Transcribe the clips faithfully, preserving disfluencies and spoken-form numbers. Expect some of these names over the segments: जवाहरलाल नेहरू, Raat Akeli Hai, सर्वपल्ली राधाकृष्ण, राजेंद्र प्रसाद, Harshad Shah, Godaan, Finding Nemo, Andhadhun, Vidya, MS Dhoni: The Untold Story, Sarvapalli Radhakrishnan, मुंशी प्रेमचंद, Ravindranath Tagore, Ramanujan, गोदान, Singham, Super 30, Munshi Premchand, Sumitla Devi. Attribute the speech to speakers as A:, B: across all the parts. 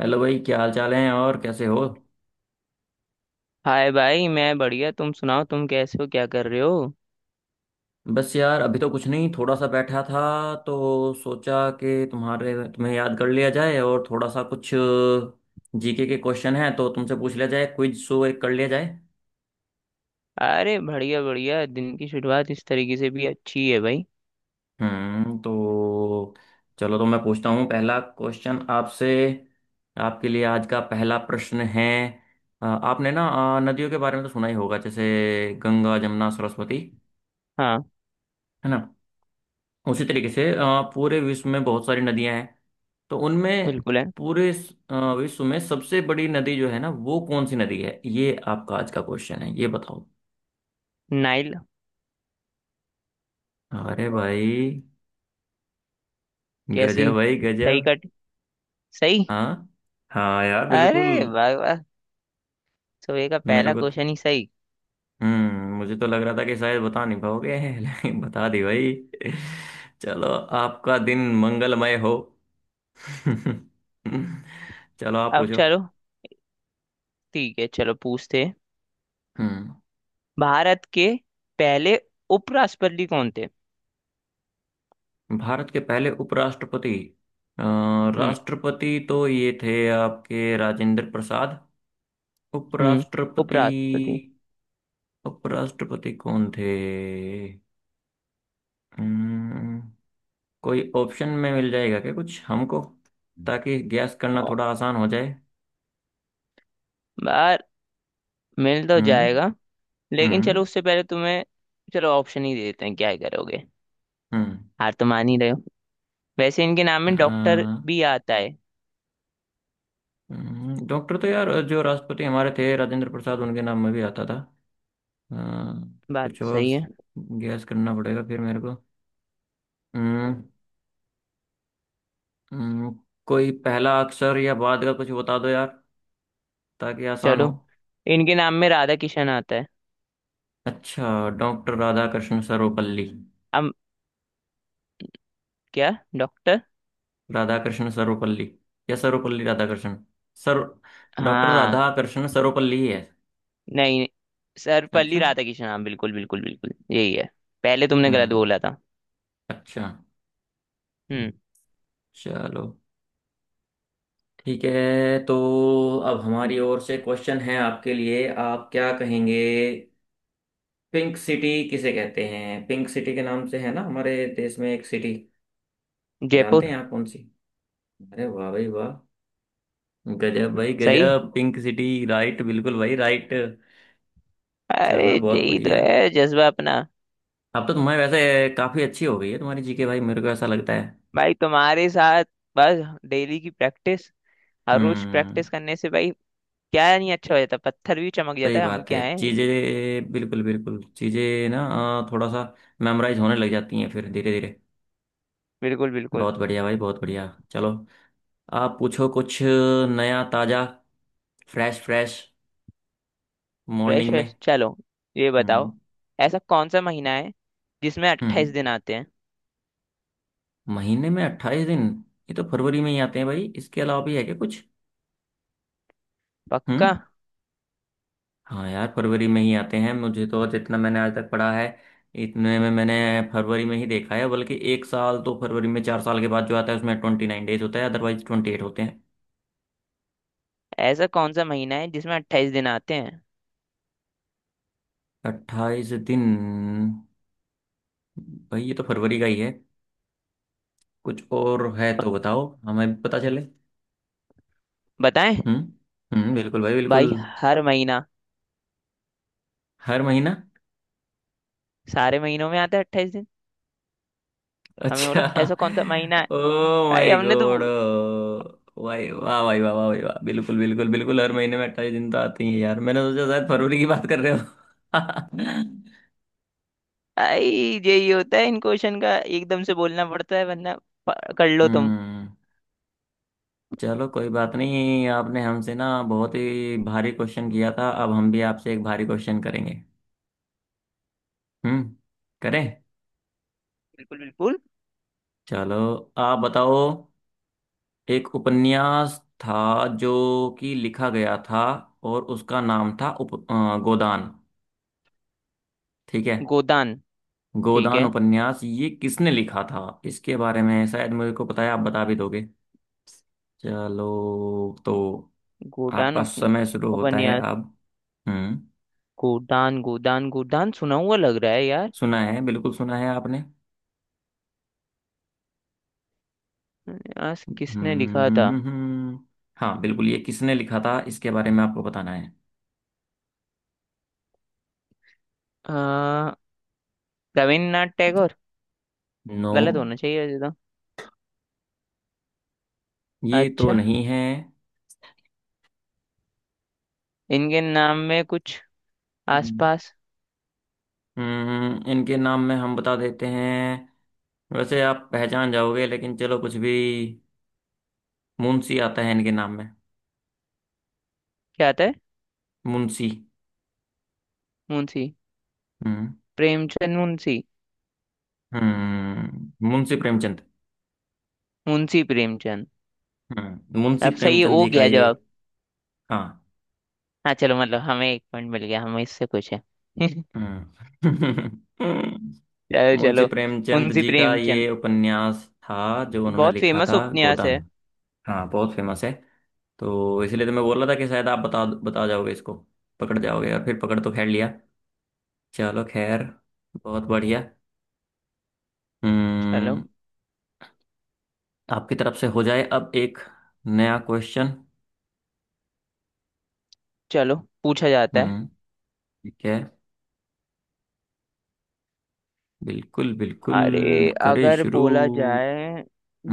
A: Hello भाई, क्या हाल चाल है और कैसे हो?
B: हाय भाई, मैं बढ़िया। तुम सुनाओ, तुम कैसे हो, क्या कर रहे हो?
A: बस यार, अभी तो कुछ नहीं, थोड़ा सा बैठा था। तो सोचा कि तुम्हारे तुम्हें याद कर लिया जाए और थोड़ा सा कुछ जीके के क्वेश्चन हैं, तो तुमसे पूछ लिया जाए, क्विज शो एक कर लिया जाए।
B: अरे बढ़िया बढ़िया, दिन की शुरुआत इस तरीके से भी अच्छी है भाई।
A: हम्म तो चलो, तो मैं पूछता हूँ पहला क्वेश्चन आपसे। आपके लिए आज का पहला प्रश्न है। अ, आपने ना, अ, नदियों के बारे में तो सुना ही होगा, जैसे गंगा जमुना सरस्वती,
B: हाँ।
A: है ना? उसी तरीके से अ, पूरे विश्व में बहुत सारी नदियां हैं। तो उनमें
B: बिल्कुल है।
A: पूरे स- अ, विश्व में सबसे बड़ी नदी जो है ना, वो कौन सी नदी है? ये आपका आज का क्वेश्चन है, ये बताओ।
B: नाइल।
A: अरे भाई,
B: कैसी?
A: गजब भाई
B: सही
A: गजब।
B: कट। सही।
A: हाँ। हाँ यार, बिल्कुल।
B: अरे वाह वाह। सुबह का
A: मेरे
B: पहला
A: को तो-
B: क्वेश्चन ही सही।
A: हम्म मुझे तो लग रहा था कि शायद बता नहीं पाओगे लेकिन बता दी भाई। चलो, आपका दिन मंगलमय हो। चलो, आप
B: अब
A: पूछो।
B: चलो। ठीक है, चलो पूछते हैं।
A: हम्म।
B: भारत के पहले उपराष्ट्रपति कौन थे?
A: भारत के पहले उपराष्ट्रपति। अ,
B: हम्म।
A: राष्ट्रपति तो ये थे आपके, राजेंद्र प्रसाद।
B: हम्म। उपराष्ट्रपति।
A: उपराष्ट्रपति। उपराष्ट्रपति कौन थे? अम्म, कोई ऑप्शन में मिल जाएगा क्या कुछ हमको, ताकि गैस करना
B: ओ,
A: थोड़ा आसान हो जाए?
B: बार मिल तो
A: हम्म
B: जाएगा, लेकिन चलो
A: हम्म
B: उससे पहले तुम्हें। चलो, ऑप्शन ही दे देते हैं, क्या ही करोगे।
A: हम्म
B: हार तो मान ही रहे हो। वैसे इनके नाम में डॉक्टर
A: अ,
B: भी आता है।
A: हम्म, डॉक्टर तो यार, जो राष्ट्रपति हमारे थे राजेंद्र प्रसाद, उनके नाम में भी आता था। अ,
B: बात
A: कुछ
B: तो
A: और
B: सही है।
A: गैस करना पड़ेगा फिर मेरे को। हम्म हम्म, कोई पहला अक्षर या बाद का कुछ बता दो यार, ताकि आसान हो।
B: चलो, इनके नाम में राधा किशन आता है।
A: अच्छा, डॉक्टर राधाकृष्ण सर्वपल्ली।
B: अब क्या? डॉक्टर?
A: राधाकृष्ण सर्वपल्ली या सर्वपल्ली राधाकृष्ण सर? डॉक्टर
B: हाँ।
A: राधाकृष्ण सर्वपल्ली ही है।
B: नहीं, सर्वपल्ली
A: अच्छा।
B: राधा किशन, हाँ बिल्कुल बिल्कुल बिल्कुल यही है। पहले तुमने गलत
A: हम्म।
B: बोला था।
A: अच्छा।
B: हम्म।
A: चलो, ठीक है। तो अब हमारी ओर से क्वेश्चन है आपके लिए, आप क्या कहेंगे? पिंक सिटी किसे कहते हैं? पिंक सिटी के नाम से है ना हमारे देश में एक सिटी, जानते
B: जयपुर।
A: हैं आप कौन सी? अरे वाह भाई वाह! गजब भाई
B: सही।
A: गजब, पिंक सिटी राइट, बिल्कुल भाई राइट।
B: अरे
A: चलो, बहुत
B: यही तो
A: बढ़िया।
B: है जज्बा अपना।
A: अब तो तुम्हारे वैसे काफी अच्छी हो गई है तुम्हारी जीके भाई, मेरे को ऐसा लगता है।
B: भाई तुम्हारे साथ, बस डेली की प्रैक्टिस, हर रोज
A: हम्म
B: प्रैक्टिस करने से भाई क्या नहीं अच्छा हो जाता, पत्थर भी चमक जाता
A: सही
B: है, हम
A: बात है,
B: क्या है।
A: चीजें बिल्कुल बिल्कुल, चीजें ना अ, थोड़ा सा मेमोराइज होने लग जाती हैं फिर धीरे धीरे।
B: बिल्कुल बिल्कुल।
A: बहुत बढ़िया भाई, बहुत बढ़िया। चलो, आप पूछो कुछ नया, ताजा, फ्रेश फ्रेश,
B: फ्रेश
A: मॉर्निंग में।
B: फ्रेश चलो। ये बताओ,
A: हम्म
B: ऐसा कौन सा महीना है जिसमें अट्ठाईस
A: हम्म
B: दिन आते हैं?
A: महीने में अट्ठाईस दिन? ये तो फरवरी में ही आते हैं भाई, इसके अलावा भी है क्या कुछ?
B: पक्का?
A: हम्म हाँ यार, फरवरी में ही आते हैं मुझे तो, जितना मैंने आज तक पढ़ा है, इतने में मैंने फरवरी में ही देखा है। बल्कि एक साल तो फरवरी में चार साल के बाद जो आता है उसमें ट्वेंटी नाइन डेज होता है, अदरवाइज ट्वेंटी एट होते हैं।
B: ऐसा कौन सा महीना है जिसमें अट्ठाईस दिन आते हैं?
A: अट्ठाईस दिन? भाई ये तो फरवरी का ही है, कुछ और है तो बताओ हमें भी पता चले।
B: बताएं?
A: हम्म हम्म बिल्कुल भाई, बिल्कुल।
B: भाई, हर महीना,
A: हर महीना?
B: सारे महीनों में आता है अट्ठाईस दिन। हमने बोला
A: अच्छा।
B: ऐसा कौन सा महीना है
A: ओ
B: भाई,
A: माय
B: हमने तो।
A: गॉड! भाई वाह, भाई वाह वाह, भाई वाह, बिल्कुल बिल्कुल बिल्कुल, हर महीने में अट्ठाईस दिन तो आते ही हैं यार, मैंने सोचा शायद फरवरी की बात कर रहे हो।
B: भाई यही होता है इन क्वेश्चन का, एकदम से बोलना पड़ता है वरना प- कर लो तुम।
A: हम्म चलो कोई बात नहीं, आपने हमसे ना बहुत ही भारी क्वेश्चन किया था, अब हम भी आपसे एक भारी क्वेश्चन करेंगे। हम्म। करें?
B: बिल्कुल बिल्कुल।
A: चलो, आप बताओ। एक उपन्यास था, जो कि लिखा गया था, और उसका नाम था उप, अ, गोदान। ठीक है?
B: गोदान। ठीक
A: गोदान
B: है।
A: उपन्यास, ये किसने लिखा था इसके बारे में, शायद मुझे को पता है, आप बता भी दोगे। चलो, तो
B: गोदान
A: आपका
B: उप,
A: समय शुरू होता है
B: उपन्यास।
A: अब। हम्म
B: गोदान गोदान गोदान सुना हुआ लग रहा है यार।
A: सुना है बिल्कुल, सुना है आपने।
B: आज
A: हम्म
B: किसने लिखा था?
A: हम्म, हम्म, हम्म। हाँ बिल्कुल, ये किसने लिखा था इसके बारे में आपको बताना है।
B: आ, रविन्द्रनाथ टैगोर।
A: नो,
B: गलत होना चाहिए वैसे तो।
A: ये तो
B: अच्छा।
A: नहीं है।
B: इनके नाम में कुछ
A: हम्म
B: आसपास।
A: हम्म, इनके नाम में हम बता देते हैं, वैसे आप पहचान जाओगे, लेकिन चलो कुछ भी, मुंशी आता है इनके नाम में।
B: क्या आता है?
A: मुंशी।
B: मुंशी
A: हम्म
B: प्रेमचंद। मुंशी?
A: हम्म, मुंशी प्रेमचंद।
B: मुंशी प्रेमचंद।
A: हम्म मुंशी
B: अब सही
A: प्रेमचंद
B: हो
A: जी का
B: गया
A: ये।
B: जवाब।
A: हाँ।
B: हाँ चलो, मतलब हमें एक पॉइंट मिल गया, हमें इससे कुछ है।
A: हम्म।
B: चलो
A: मुंशी
B: चलो।
A: प्रेमचंद
B: मुंशी
A: जी का
B: प्रेमचंद,
A: ये उपन्यास था, जो उन्होंने
B: बहुत
A: लिखा
B: फेमस
A: था,
B: उपन्यास
A: गोदान।
B: है।
A: हाँ, बहुत फेमस है। तो इसलिए तो मैं बोल रहा था कि शायद आप बता बता जाओगे इसको, पकड़ जाओगे, और फिर पकड़ तो खैर लिया। चलो खैर, बहुत बढ़िया।
B: चलो
A: हम्म आपकी तरफ से हो जाए अब एक नया क्वेश्चन।
B: चलो, पूछा जाता है।
A: हम्म, ठीक है, बिल्कुल बिल्कुल।
B: अरे
A: करे
B: अगर
A: शुरू?
B: बोला जाए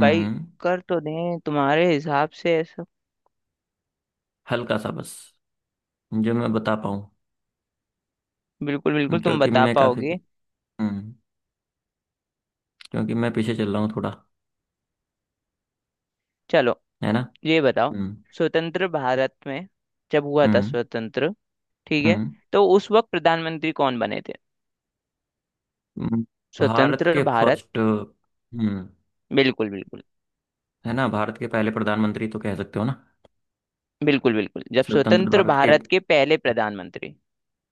B: भाई, कर तो दें तुम्हारे हिसाब से।
A: हल्का सा बस, जो मैं बता पाऊँ,
B: बिल्कुल बिल्कुल, तुम
A: क्योंकि
B: बता
A: मैं काफी
B: पाओगे।
A: हम्म क्योंकि मैं पीछे चल रहा हूँ थोड़ा,
B: चलो
A: है ना?
B: ये बताओ,
A: हम्म,
B: स्वतंत्र भारत में, जब हुआ था
A: हम्म,
B: स्वतंत्र, ठीक है,
A: हम्म,
B: तो उस वक्त प्रधानमंत्री कौन बने थे?
A: हम्म। भारत
B: स्वतंत्र
A: के
B: भारत।
A: फर्स्ट। हम्म
B: बिल्कुल बिल्कुल।
A: है ना, भारत के पहले प्रधानमंत्री तो कह सकते हो ना।
B: बिल्कुल बिल्कुल जब
A: स्वतंत्र
B: स्वतंत्र
A: भारत के,
B: भारत के पहले प्रधानमंत्री।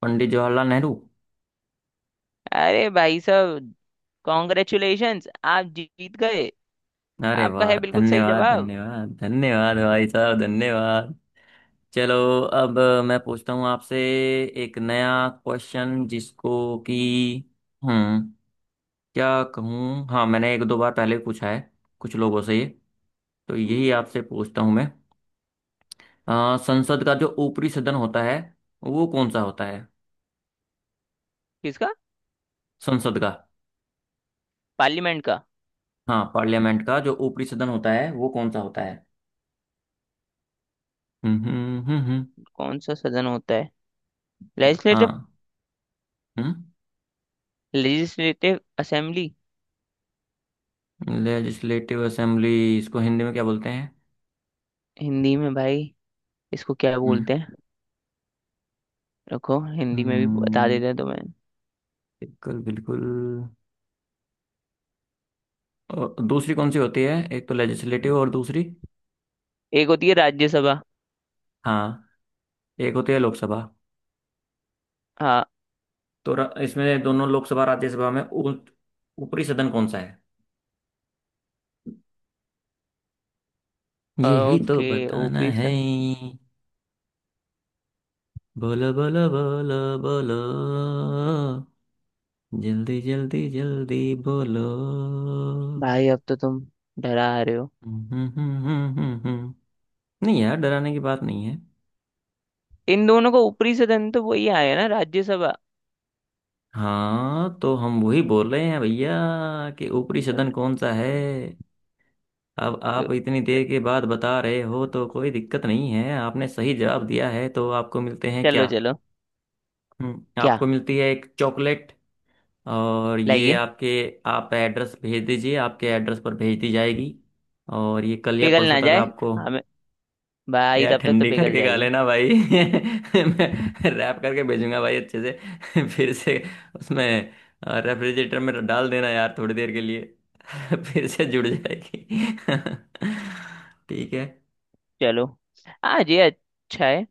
A: पंडित जवाहरलाल नेहरू।
B: अरे भाई साहब, कॉन्ग्रेचुलेशंस, आप जीत गए।
A: अरे
B: आपका
A: वाह,
B: है बिल्कुल सही
A: धन्यवाद
B: जवाब।
A: धन्यवाद धन्यवाद भाई साहब, धन्यवाद। चलो, अब मैं पूछता हूँ आपसे एक नया क्वेश्चन, जिसको कि हम्म क्या कहूँ, हाँ, मैंने एक दो बार पहले भी पूछा है कुछ लोगों से ये, तो यही आपसे पूछता हूँ मैं। अ, संसद का जो ऊपरी सदन होता है, वो कौन सा होता है?
B: किसका?
A: संसद का।
B: पार्लियामेंट का?
A: हाँ, पार्लियामेंट का जो ऊपरी सदन होता है, वो कौन सा होता है? हम्म हम्म हम्म हम्म,
B: कौन सा सदन होता है?
A: जी,
B: लेजिस्लेटिव।
A: हाँ। हम्म
B: लेजिस्लेटिव असेंबली।
A: लेजिस्लेटिव असेंबली, इसको हिंदी में क्या बोलते हैं?
B: हिंदी में भाई इसको क्या बोलते
A: हम्म
B: हैं? रखो, हिंदी में भी बता
A: हम्म,
B: देते हैं तुम्हें।
A: बिल्कुल बिल्कुल, और दूसरी कौन सी होती है, एक तो लेजिस्लेटिव और दूसरी?
B: एक होती है राज्यसभा।
A: हाँ, एक होती है लोकसभा।
B: हाँ।
A: तो र- इसमें दोनों लोकसभा राज्यसभा में ऊ- ऊपरी सदन कौन सा है, यही तो
B: ओके
A: बताना
B: ओपी
A: है।
B: से।
A: बोलो, बोलो, बोलो। बोलो, जल्दी जल्दी जल्दी। बोलो।
B: भाई अब तो तुम डरा रहे हो।
A: हम्म, हम्म, हम्म, हम्म। हम्म, हम्म। नहीं यार, डराने की बात नहीं है।
B: इन दोनों को ऊपरी सदन तो वही आया ना, राज्यसभा।
A: हाँ, तो हम वही बोल रहे हैं भैया, कि ऊपरी सदन
B: र-
A: कौन सा है। अब
B: तो
A: आप इतनी देर के बाद बता रहे हो, तो कोई दिक्कत नहीं है, आपने सही जवाब दिया है, तो आपको मिलते हैं
B: चलो
A: क्या?
B: चलो।
A: हम्म
B: क्या?
A: आपको मिलती है एक चॉकलेट। और ये
B: लाइए।
A: आपके, आप एड्रेस भेज दीजिए, आपके एड्रेस पर भेज दी जाएगी, और ये कल या
B: पिघल
A: परसों
B: ना
A: तक
B: जाए
A: आपको।
B: हमें। भाई
A: यार
B: तब तक तो
A: ठंडी
B: पिघल
A: करके खा
B: जाएगी।
A: लेना भाई। मैं रैप करके भेजूंगा भाई, अच्छे से। फिर से उसमें रेफ्रिजरेटर में डाल देना यार, थोड़ी देर के लिए। फिर से जुड़ जाएगी। ठीक है।
B: चलो आज ये अच्छा है,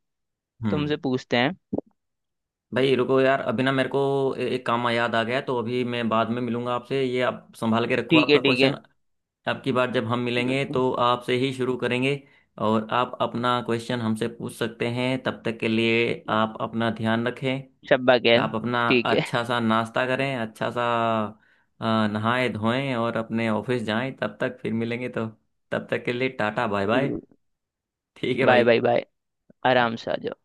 A: हम्म
B: तुमसे पूछते हैं।
A: भाई रुको यार, अभी ना मेरे को ए- एक काम याद आ गया है, तो अभी मैं बाद में मिलूंगा आपसे। ये आप संभाल के रखो,
B: ठीक है
A: आपका
B: ठीक
A: क्वेश्चन।
B: है।
A: अब की बार जब हम मिलेंगे,
B: बिल्कुल।
A: तो आपसे ही शुरू करेंगे, और आप अपना क्वेश्चन हमसे पूछ सकते हैं। तब तक के लिए आप अपना ध्यान रखें,
B: शब्बा खैर।
A: आप अपना
B: ठीक है।
A: अच्छा सा नाश्ता करें, अच्छा सा, अ, नहाएं धोएं और अपने ऑफिस जाएं। तब तक फिर मिलेंगे तो, तब तक के लिए टाटा बाय बाय।
B: बिल्कुल।
A: ठीक है
B: बाय
A: भाई।
B: Bye bye.
A: Bye.
B: आराम से आ जाओ।